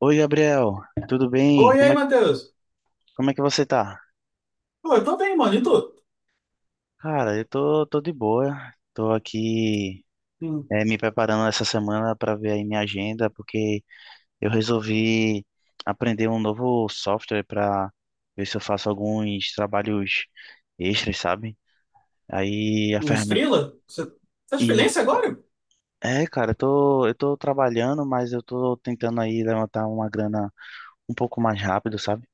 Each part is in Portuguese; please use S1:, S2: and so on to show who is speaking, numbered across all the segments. S1: Oi, Gabriel, tudo bem?
S2: Oi, e
S1: Como
S2: aí,
S1: é,
S2: Matheus?
S1: como é que você tá?
S2: Pô, eu tô bem, mano. E tu?
S1: Cara, eu tô de boa, tô aqui
S2: Hum,
S1: me preparando essa semana para ver aí minha agenda, porque eu resolvi aprender um novo software para ver se eu faço alguns trabalhos extras, sabe? Aí a
S2: uns
S1: ferramenta.
S2: freela? Você tá de
S1: E
S2: freelancer agora?
S1: É, cara, eu tô trabalhando, mas eu tô tentando aí levantar uma grana um pouco mais rápido, sabe?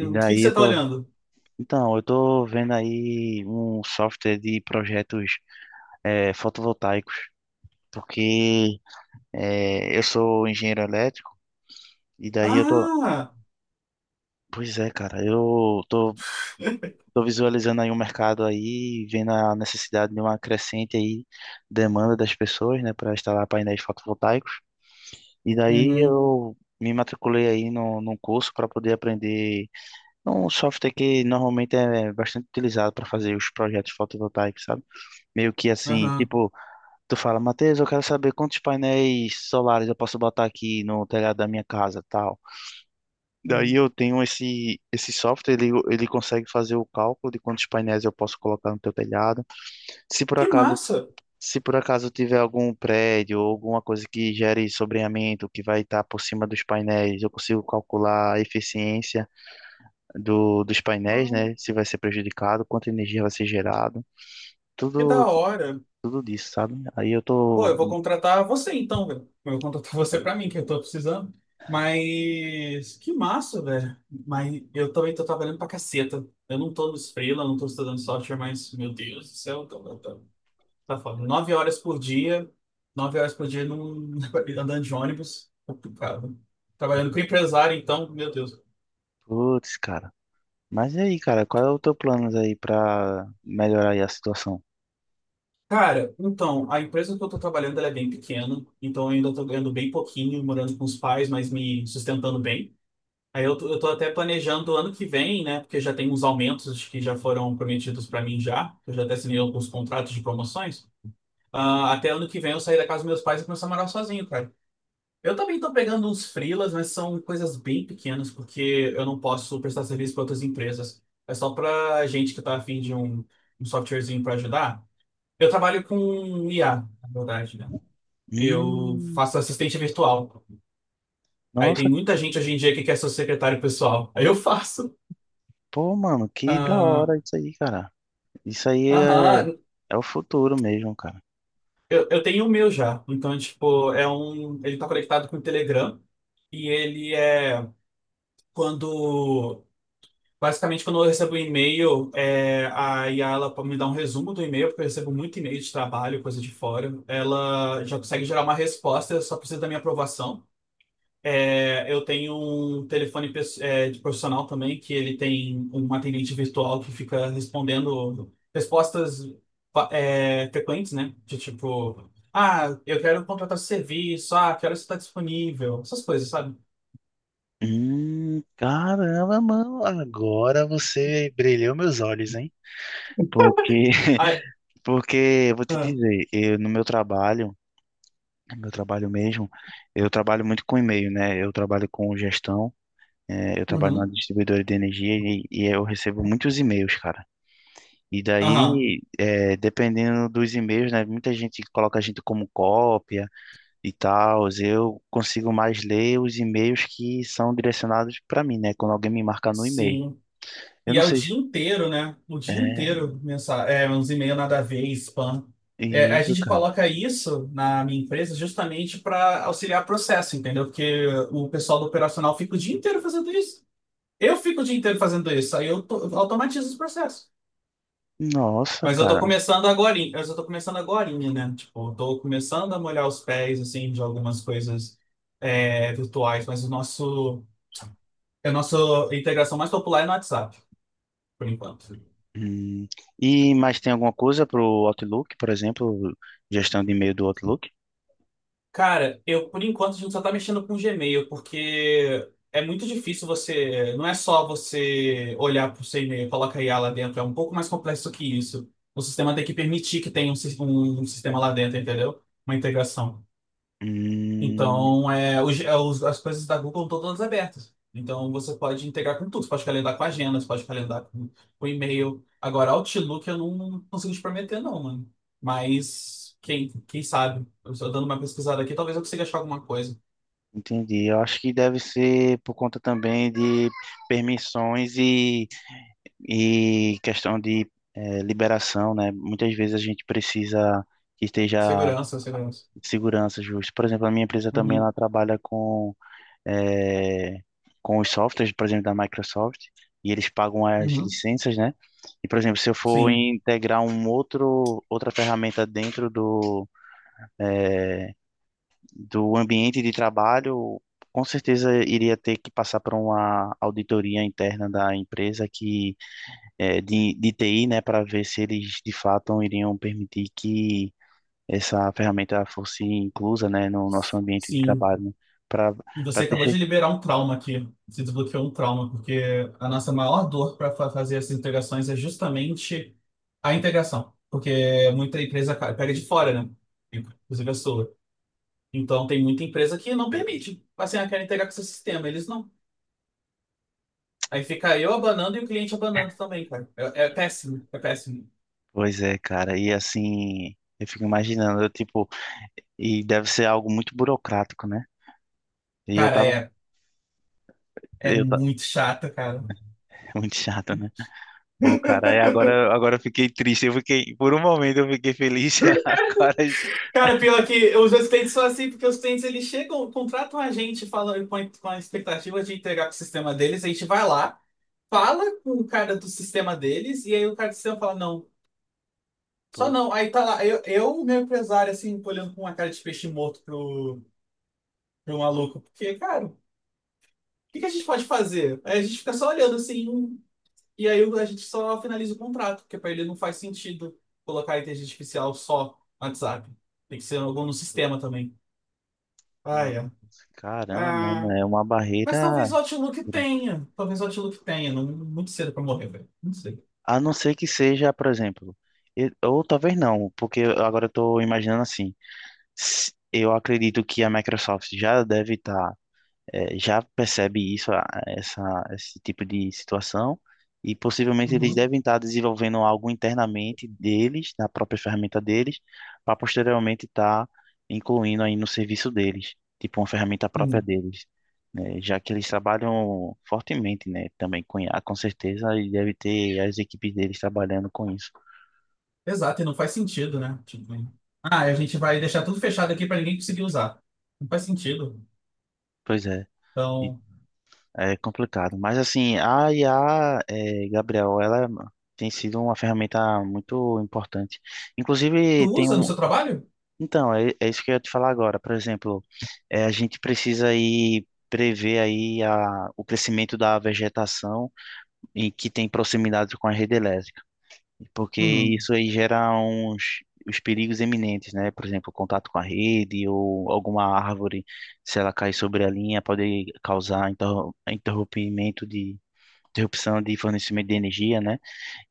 S1: E
S2: o que que
S1: daí eu
S2: você tá
S1: tô.
S2: olhando?
S1: Então, eu tô vendo aí um software de projetos fotovoltaicos, porque eu sou engenheiro elétrico e daí eu tô,
S2: Ah!
S1: pois é, cara, eu tô visualizando aí um mercado aí, vendo a necessidade de uma crescente aí demanda das pessoas, né, para instalar painéis fotovoltaicos. E daí
S2: Uhum,
S1: eu me matriculei aí no, num curso para poder aprender um software que normalmente é bastante utilizado para fazer os projetos fotovoltaicos, sabe? Meio que assim,
S2: aham.
S1: tipo, tu fala, Matheus, eu quero saber quantos painéis solares eu posso botar aqui no telhado da minha casa, tal. Daí
S2: Uhum.
S1: eu tenho esse software, ele consegue fazer o cálculo de quantos painéis eu posso colocar no teu telhado. Se por
S2: Que
S1: acaso,
S2: massa!
S1: se por acaso tiver algum prédio ou alguma coisa que gere sombreamento que vai estar por cima dos painéis, eu consigo calcular a eficiência dos painéis,
S2: Hum,
S1: né? Se vai ser prejudicado, quanta energia vai ser gerado.
S2: Que da
S1: Tudo,
S2: hora.
S1: tudo disso, sabe? Aí eu
S2: Pô,
S1: tô,
S2: eu vou contratar você então, velho. Eu vou contratar você pra mim, que eu tô precisando. Mas que massa, velho. Mas eu também tô trabalhando pra caceta. Eu não tô nos freela, não tô estudando software, mas meu Deus do céu, tô. Tá foda. Nove horas por dia, nove horas por dia num, andando de ônibus, complicado. Trabalhando com empresário, então, meu Deus.
S1: putz, cara. Mas e aí, cara, qual é o teu plano aí pra melhorar aí a situação?
S2: Cara, então, a empresa que eu tô trabalhando, ela é bem pequena, então eu ainda tô ganhando bem pouquinho, morando com os pais, mas me sustentando bem. Aí eu tô até planejando ano que vem, né, porque já tem uns aumentos que já foram prometidos pra mim já, eu já até assinei alguns contratos de promoções. Ah, até ano que vem eu sair da casa dos meus pais e começar a morar sozinho, cara. Eu também tô pegando uns freelas, mas são coisas bem pequenas, porque eu não posso prestar serviço para outras empresas. É só para gente que tá afim de um softwarezinho para ajudar. Eu trabalho com IA, na verdade, né? Eu
S1: Hum,
S2: faço assistente virtual. Aí
S1: nossa,
S2: tem muita gente hoje em dia que quer ser secretário pessoal. Aí eu faço.
S1: pô, mano, que da
S2: Ah,
S1: hora isso aí, cara. Isso aí é,
S2: Aham,
S1: é o futuro mesmo, cara.
S2: Eu tenho o meu já. Então, tipo, ele tá conectado com o Telegram. E ele é quando Basicamente, quando eu recebo um e-mail, a Yala me dá um resumo do e-mail, porque eu recebo muito e-mail de trabalho, coisa de fora. Ela já consegue gerar uma resposta, eu só precisa da minha aprovação. Eu tenho um telefone de profissional também, que ele tem um atendente virtual que fica respondendo respostas frequentes, né? De tipo, ah, eu quero contratar esse serviço, ah, que horas você está disponível, essas coisas, sabe?
S1: Caramba, mano, agora você brilhou meus olhos, hein? Porque,
S2: Ah,
S1: porque eu vou te
S2: ah,
S1: dizer, eu, no meu trabalho mesmo, eu trabalho muito com e-mail, né? Eu trabalho com gestão, eu trabalho numa
S2: uhum.
S1: distribuidora de energia e eu recebo muitos e-mails, cara. E
S2: Aham.
S1: daí, é, dependendo dos e-mails, né? Muita gente coloca a gente como cópia e tal. Eu consigo mais ler os e-mails que são direcionados para mim, né? Quando alguém me marca no e-mail.
S2: Sim.
S1: Eu
S2: E
S1: não
S2: é o
S1: sei se...
S2: dia inteiro, né? O dia
S1: É,
S2: inteiro, uns e-mail nada a ver, spam. É, a
S1: isso,
S2: gente
S1: cara.
S2: coloca isso na minha empresa justamente para auxiliar processo, entendeu? Porque o pessoal do operacional fica o dia inteiro fazendo isso. Eu fico o dia inteiro fazendo isso, aí eu automatizo os processos.
S1: Nossa,
S2: Mas eu tô
S1: cara.
S2: começando agora, eu só tô começando agora, né? Tipo, eu tô começando a molhar os pés, assim, de algumas coisas virtuais, mas o nosso, é a nossa integração mais popular é no WhatsApp, por enquanto.
S1: Hum. E mais tem alguma coisa pro Outlook, por exemplo, gestão de e-mail do Outlook?
S2: Cara, eu por enquanto a gente só tá mexendo com o Gmail, porque é muito difícil você. Não é só você olhar pro seu e-mail e colocar IA lá dentro, é um pouco mais complexo que isso. O sistema tem que permitir que tenha um sistema lá dentro, entendeu? Uma integração.
S1: Hum,
S2: Então, as coisas da Google estão todas abertas. Então, você pode integrar com tudo. Você pode calendar com a agenda, você pode calendar com e-mail. Agora, Outlook eu não consigo te prometer, não, mano. Mas, quem sabe? Eu estou dando uma pesquisada aqui, talvez eu consiga achar alguma coisa.
S1: entendi. Eu acho que deve ser por conta também de permissões e questão de liberação, né? Muitas vezes a gente precisa que esteja
S2: Segurança, segurança.
S1: segurança justa. Por exemplo, a minha empresa também ela
S2: Uhum,
S1: trabalha com, eh, com os softwares, por exemplo, da Microsoft, e eles pagam as
S2: uhum.
S1: licenças, né? E, por exemplo, se eu for
S2: Sim,
S1: integrar outra ferramenta dentro do, eh, do ambiente de trabalho, com certeza iria ter que passar por uma auditoria interna da empresa que é, de TI, né, para ver se eles de fato iriam permitir que essa ferramenta fosse inclusa, né, no nosso ambiente de
S2: sim.
S1: trabalho, né, para
S2: E
S1: para
S2: você
S1: ter
S2: acabou de
S1: certeza.
S2: liberar um trauma aqui. Você desbloqueou um trauma, porque a nossa maior dor para fazer essas integrações é justamente a integração. Porque muita empresa pega de fora, né? Inclusive a sua. Então tem muita empresa que não permite. Assim, ah, quero integrar com seu sistema. Eles não. Aí fica eu abanando e o cliente abanando também, cara. É péssimo, é péssimo.
S1: Pois é, cara, e assim, eu fico imaginando, eu, tipo, e deve ser algo muito burocrático, né? E eu
S2: Cara,
S1: tava,
S2: é
S1: eu ta-
S2: muito chato, cara.
S1: muito chato, né? Pô, cara, agora eu fiquei triste, eu fiquei, por um momento eu fiquei feliz, e agora,
S2: Cara, pior que os assistentes são assim, porque os clientes eles chegam, contratam a gente falando com a expectativa de entregar para o sistema deles, a gente vai lá, fala com o cara do sistema deles, e aí o cara do sistema fala, não, só
S1: pô,
S2: não. Aí tá lá, eu meu empresário, assim, olhando com uma cara de peixe morto pro, maluco, porque, cara, o que que a gente pode fazer? Aí a gente fica só olhando assim, e aí a gente só finaliza o contrato, porque para ele não faz sentido colocar a inteligência artificial só no WhatsApp. Tem que ser algum no sistema também.
S1: nossa,
S2: Ah, é.
S1: caramba, mano, é uma barreira.
S2: Mas talvez o Outlook tenha. Talvez o Outlook tenha. Não, muito cedo pra morrer, velho. Não sei.
S1: A não ser que seja, por exemplo, ou talvez não, porque agora eu estou imaginando assim. Eu acredito que a Microsoft já deve estar já percebe isso, essa, esse tipo de situação, e possivelmente eles
S2: Uhum.
S1: devem estar desenvolvendo algo internamente deles, na própria ferramenta deles, para posteriormente estar incluindo aí no serviço deles, tipo uma ferramenta própria
S2: Uhum.
S1: deles, né? Já que eles trabalham fortemente, né? Também com I a com certeza, e deve ter as equipes deles trabalhando com isso.
S2: Exato, e não faz sentido, né? Tipo, ah, a gente vai deixar tudo fechado aqui pra ninguém conseguir usar. Não faz sentido.
S1: Pois é. E
S2: Então,
S1: É complicado. Mas assim, a IA, é, Gabriel, ela tem sido uma ferramenta muito importante.
S2: tu
S1: Inclusive, tem
S2: usa no
S1: um.
S2: seu trabalho?
S1: Então, é, é isso que eu ia te falar agora. Por exemplo, é, a gente precisa aí prever aí o crescimento da vegetação e que tem proximidade com a rede elétrica, porque
S2: Uhum.
S1: isso aí gera uns os perigos iminentes, né? Por exemplo, contato com a rede ou alguma árvore, se ela cair sobre a linha, pode causar interro- interrompimento de interrupção de fornecimento de energia, né?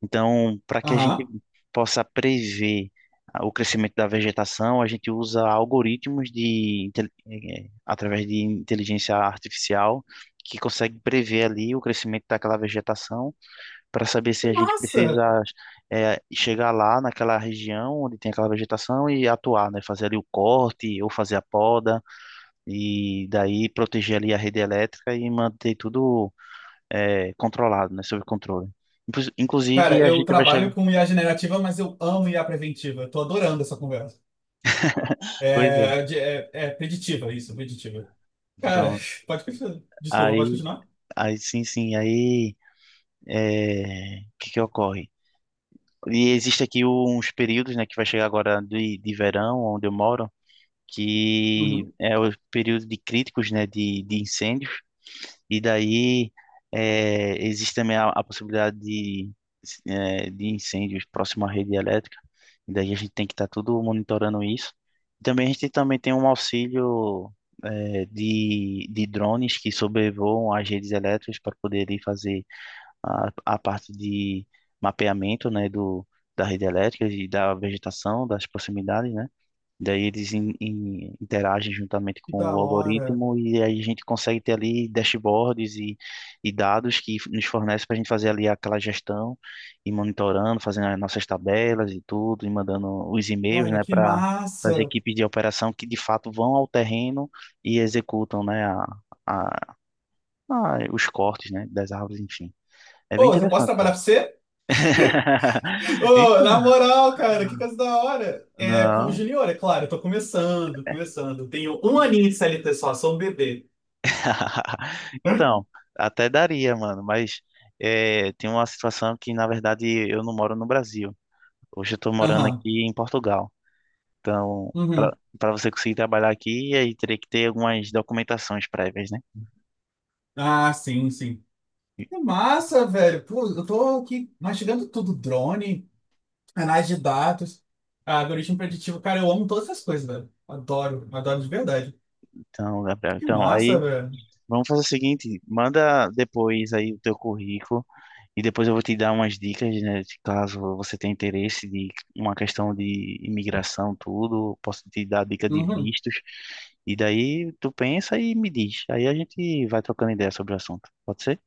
S1: Então, para que a gente
S2: Aham.
S1: possa prever o crescimento da vegetação, a gente usa algoritmos de, intel- eh, eh, através de inteligência artificial que consegue prever ali o crescimento daquela vegetação para saber se a gente
S2: Massa!
S1: precisa chegar lá naquela região onde tem aquela vegetação e atuar, né? Fazer ali o corte ou fazer a poda e daí proteger ali a rede elétrica e manter tudo é, controlado, né? Sob controle.
S2: Cara,
S1: Inclusive, a
S2: eu
S1: gente vai chegar.
S2: trabalho com IA generativa, mas eu amo IA preventiva. Eu tô adorando essa conversa.
S1: Pois é,
S2: É, é preditiva, isso, preditiva. Cara,
S1: pronto.
S2: pode continuar. Desculpa, pode
S1: Aí,
S2: continuar?
S1: aí sim, sim. Aí, é, o que que ocorre? E existe aqui uns períodos, né, que vai chegar agora de verão, onde eu moro, que
S2: Uhum.
S1: é o período de críticos, né, de incêndio. E daí existe também a possibilidade de, de incêndios próximo à rede elétrica. E daí a gente tem que estar tudo monitorando isso. Também a gente também tem um auxílio de drones que sobrevoam as redes elétricas para poder ir fazer a parte de mapeamento, né, do, da rede elétrica e da vegetação, das proximidades, né? Daí eles interagem juntamente
S2: Que
S1: com
S2: da
S1: o
S2: hora.
S1: algoritmo e aí a gente consegue ter ali dashboards e dados que nos fornecem para a gente fazer ali aquela gestão e monitorando, fazendo as nossas tabelas e tudo, e mandando os e-mails,
S2: Cara,
S1: né,
S2: que
S1: para as
S2: massa.
S1: equipes de operação que de fato vão ao terreno e executam, né, a, os cortes, né, das árvores, enfim. É bem
S2: Ô, eu posso
S1: interessante.
S2: trabalhar pra você? Ô, na
S1: Então,
S2: moral, cara, que coisa da hora. É, como
S1: não.
S2: junior, é claro, eu tô começando, começando. Tenho um aninho de CLT só, sou um bebê.
S1: Então, até daria, mano, mas é, tem uma situação que, na verdade, eu não moro no Brasil. Hoje eu tô morando
S2: Aham.
S1: aqui em Portugal. Então, para
S2: Uhum.
S1: para você conseguir trabalhar aqui, aí teria que ter algumas documentações prévias, né?
S2: Ah, sim, sim. Que massa, velho. Pô, eu tô aqui mastigando tudo. Drone, análise de dados, algoritmo preditivo. Cara, eu amo todas essas coisas, velho. Adoro, adoro de verdade.
S1: Então, Gabriel,
S2: Que
S1: então,
S2: massa,
S1: aí
S2: velho.
S1: vamos fazer o seguinte, manda depois aí o teu currículo. E depois eu vou te dar umas dicas, né, de caso você tenha interesse de uma questão de imigração, tudo, posso te dar dica de
S2: Uhum.
S1: vistos. E daí tu pensa e me diz. Aí a gente vai trocando ideia sobre o assunto. Pode ser?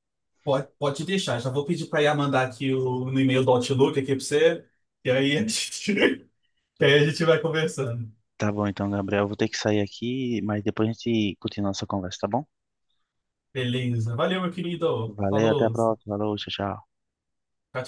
S2: Pode, pode deixar. Já vou pedir pra IA mandar aqui no e-mail do Outlook aqui pra você. E aí a gente, e aí a gente vai conversando.
S1: Tá bom, então, Gabriel, eu vou ter que sair aqui, mas depois a gente continua nossa conversa, tá bom?
S2: Beleza. Valeu, meu querido.
S1: Valeu, até a
S2: Falou.
S1: próxima. Falou, tchau, tchau.
S2: Tchau, tchau.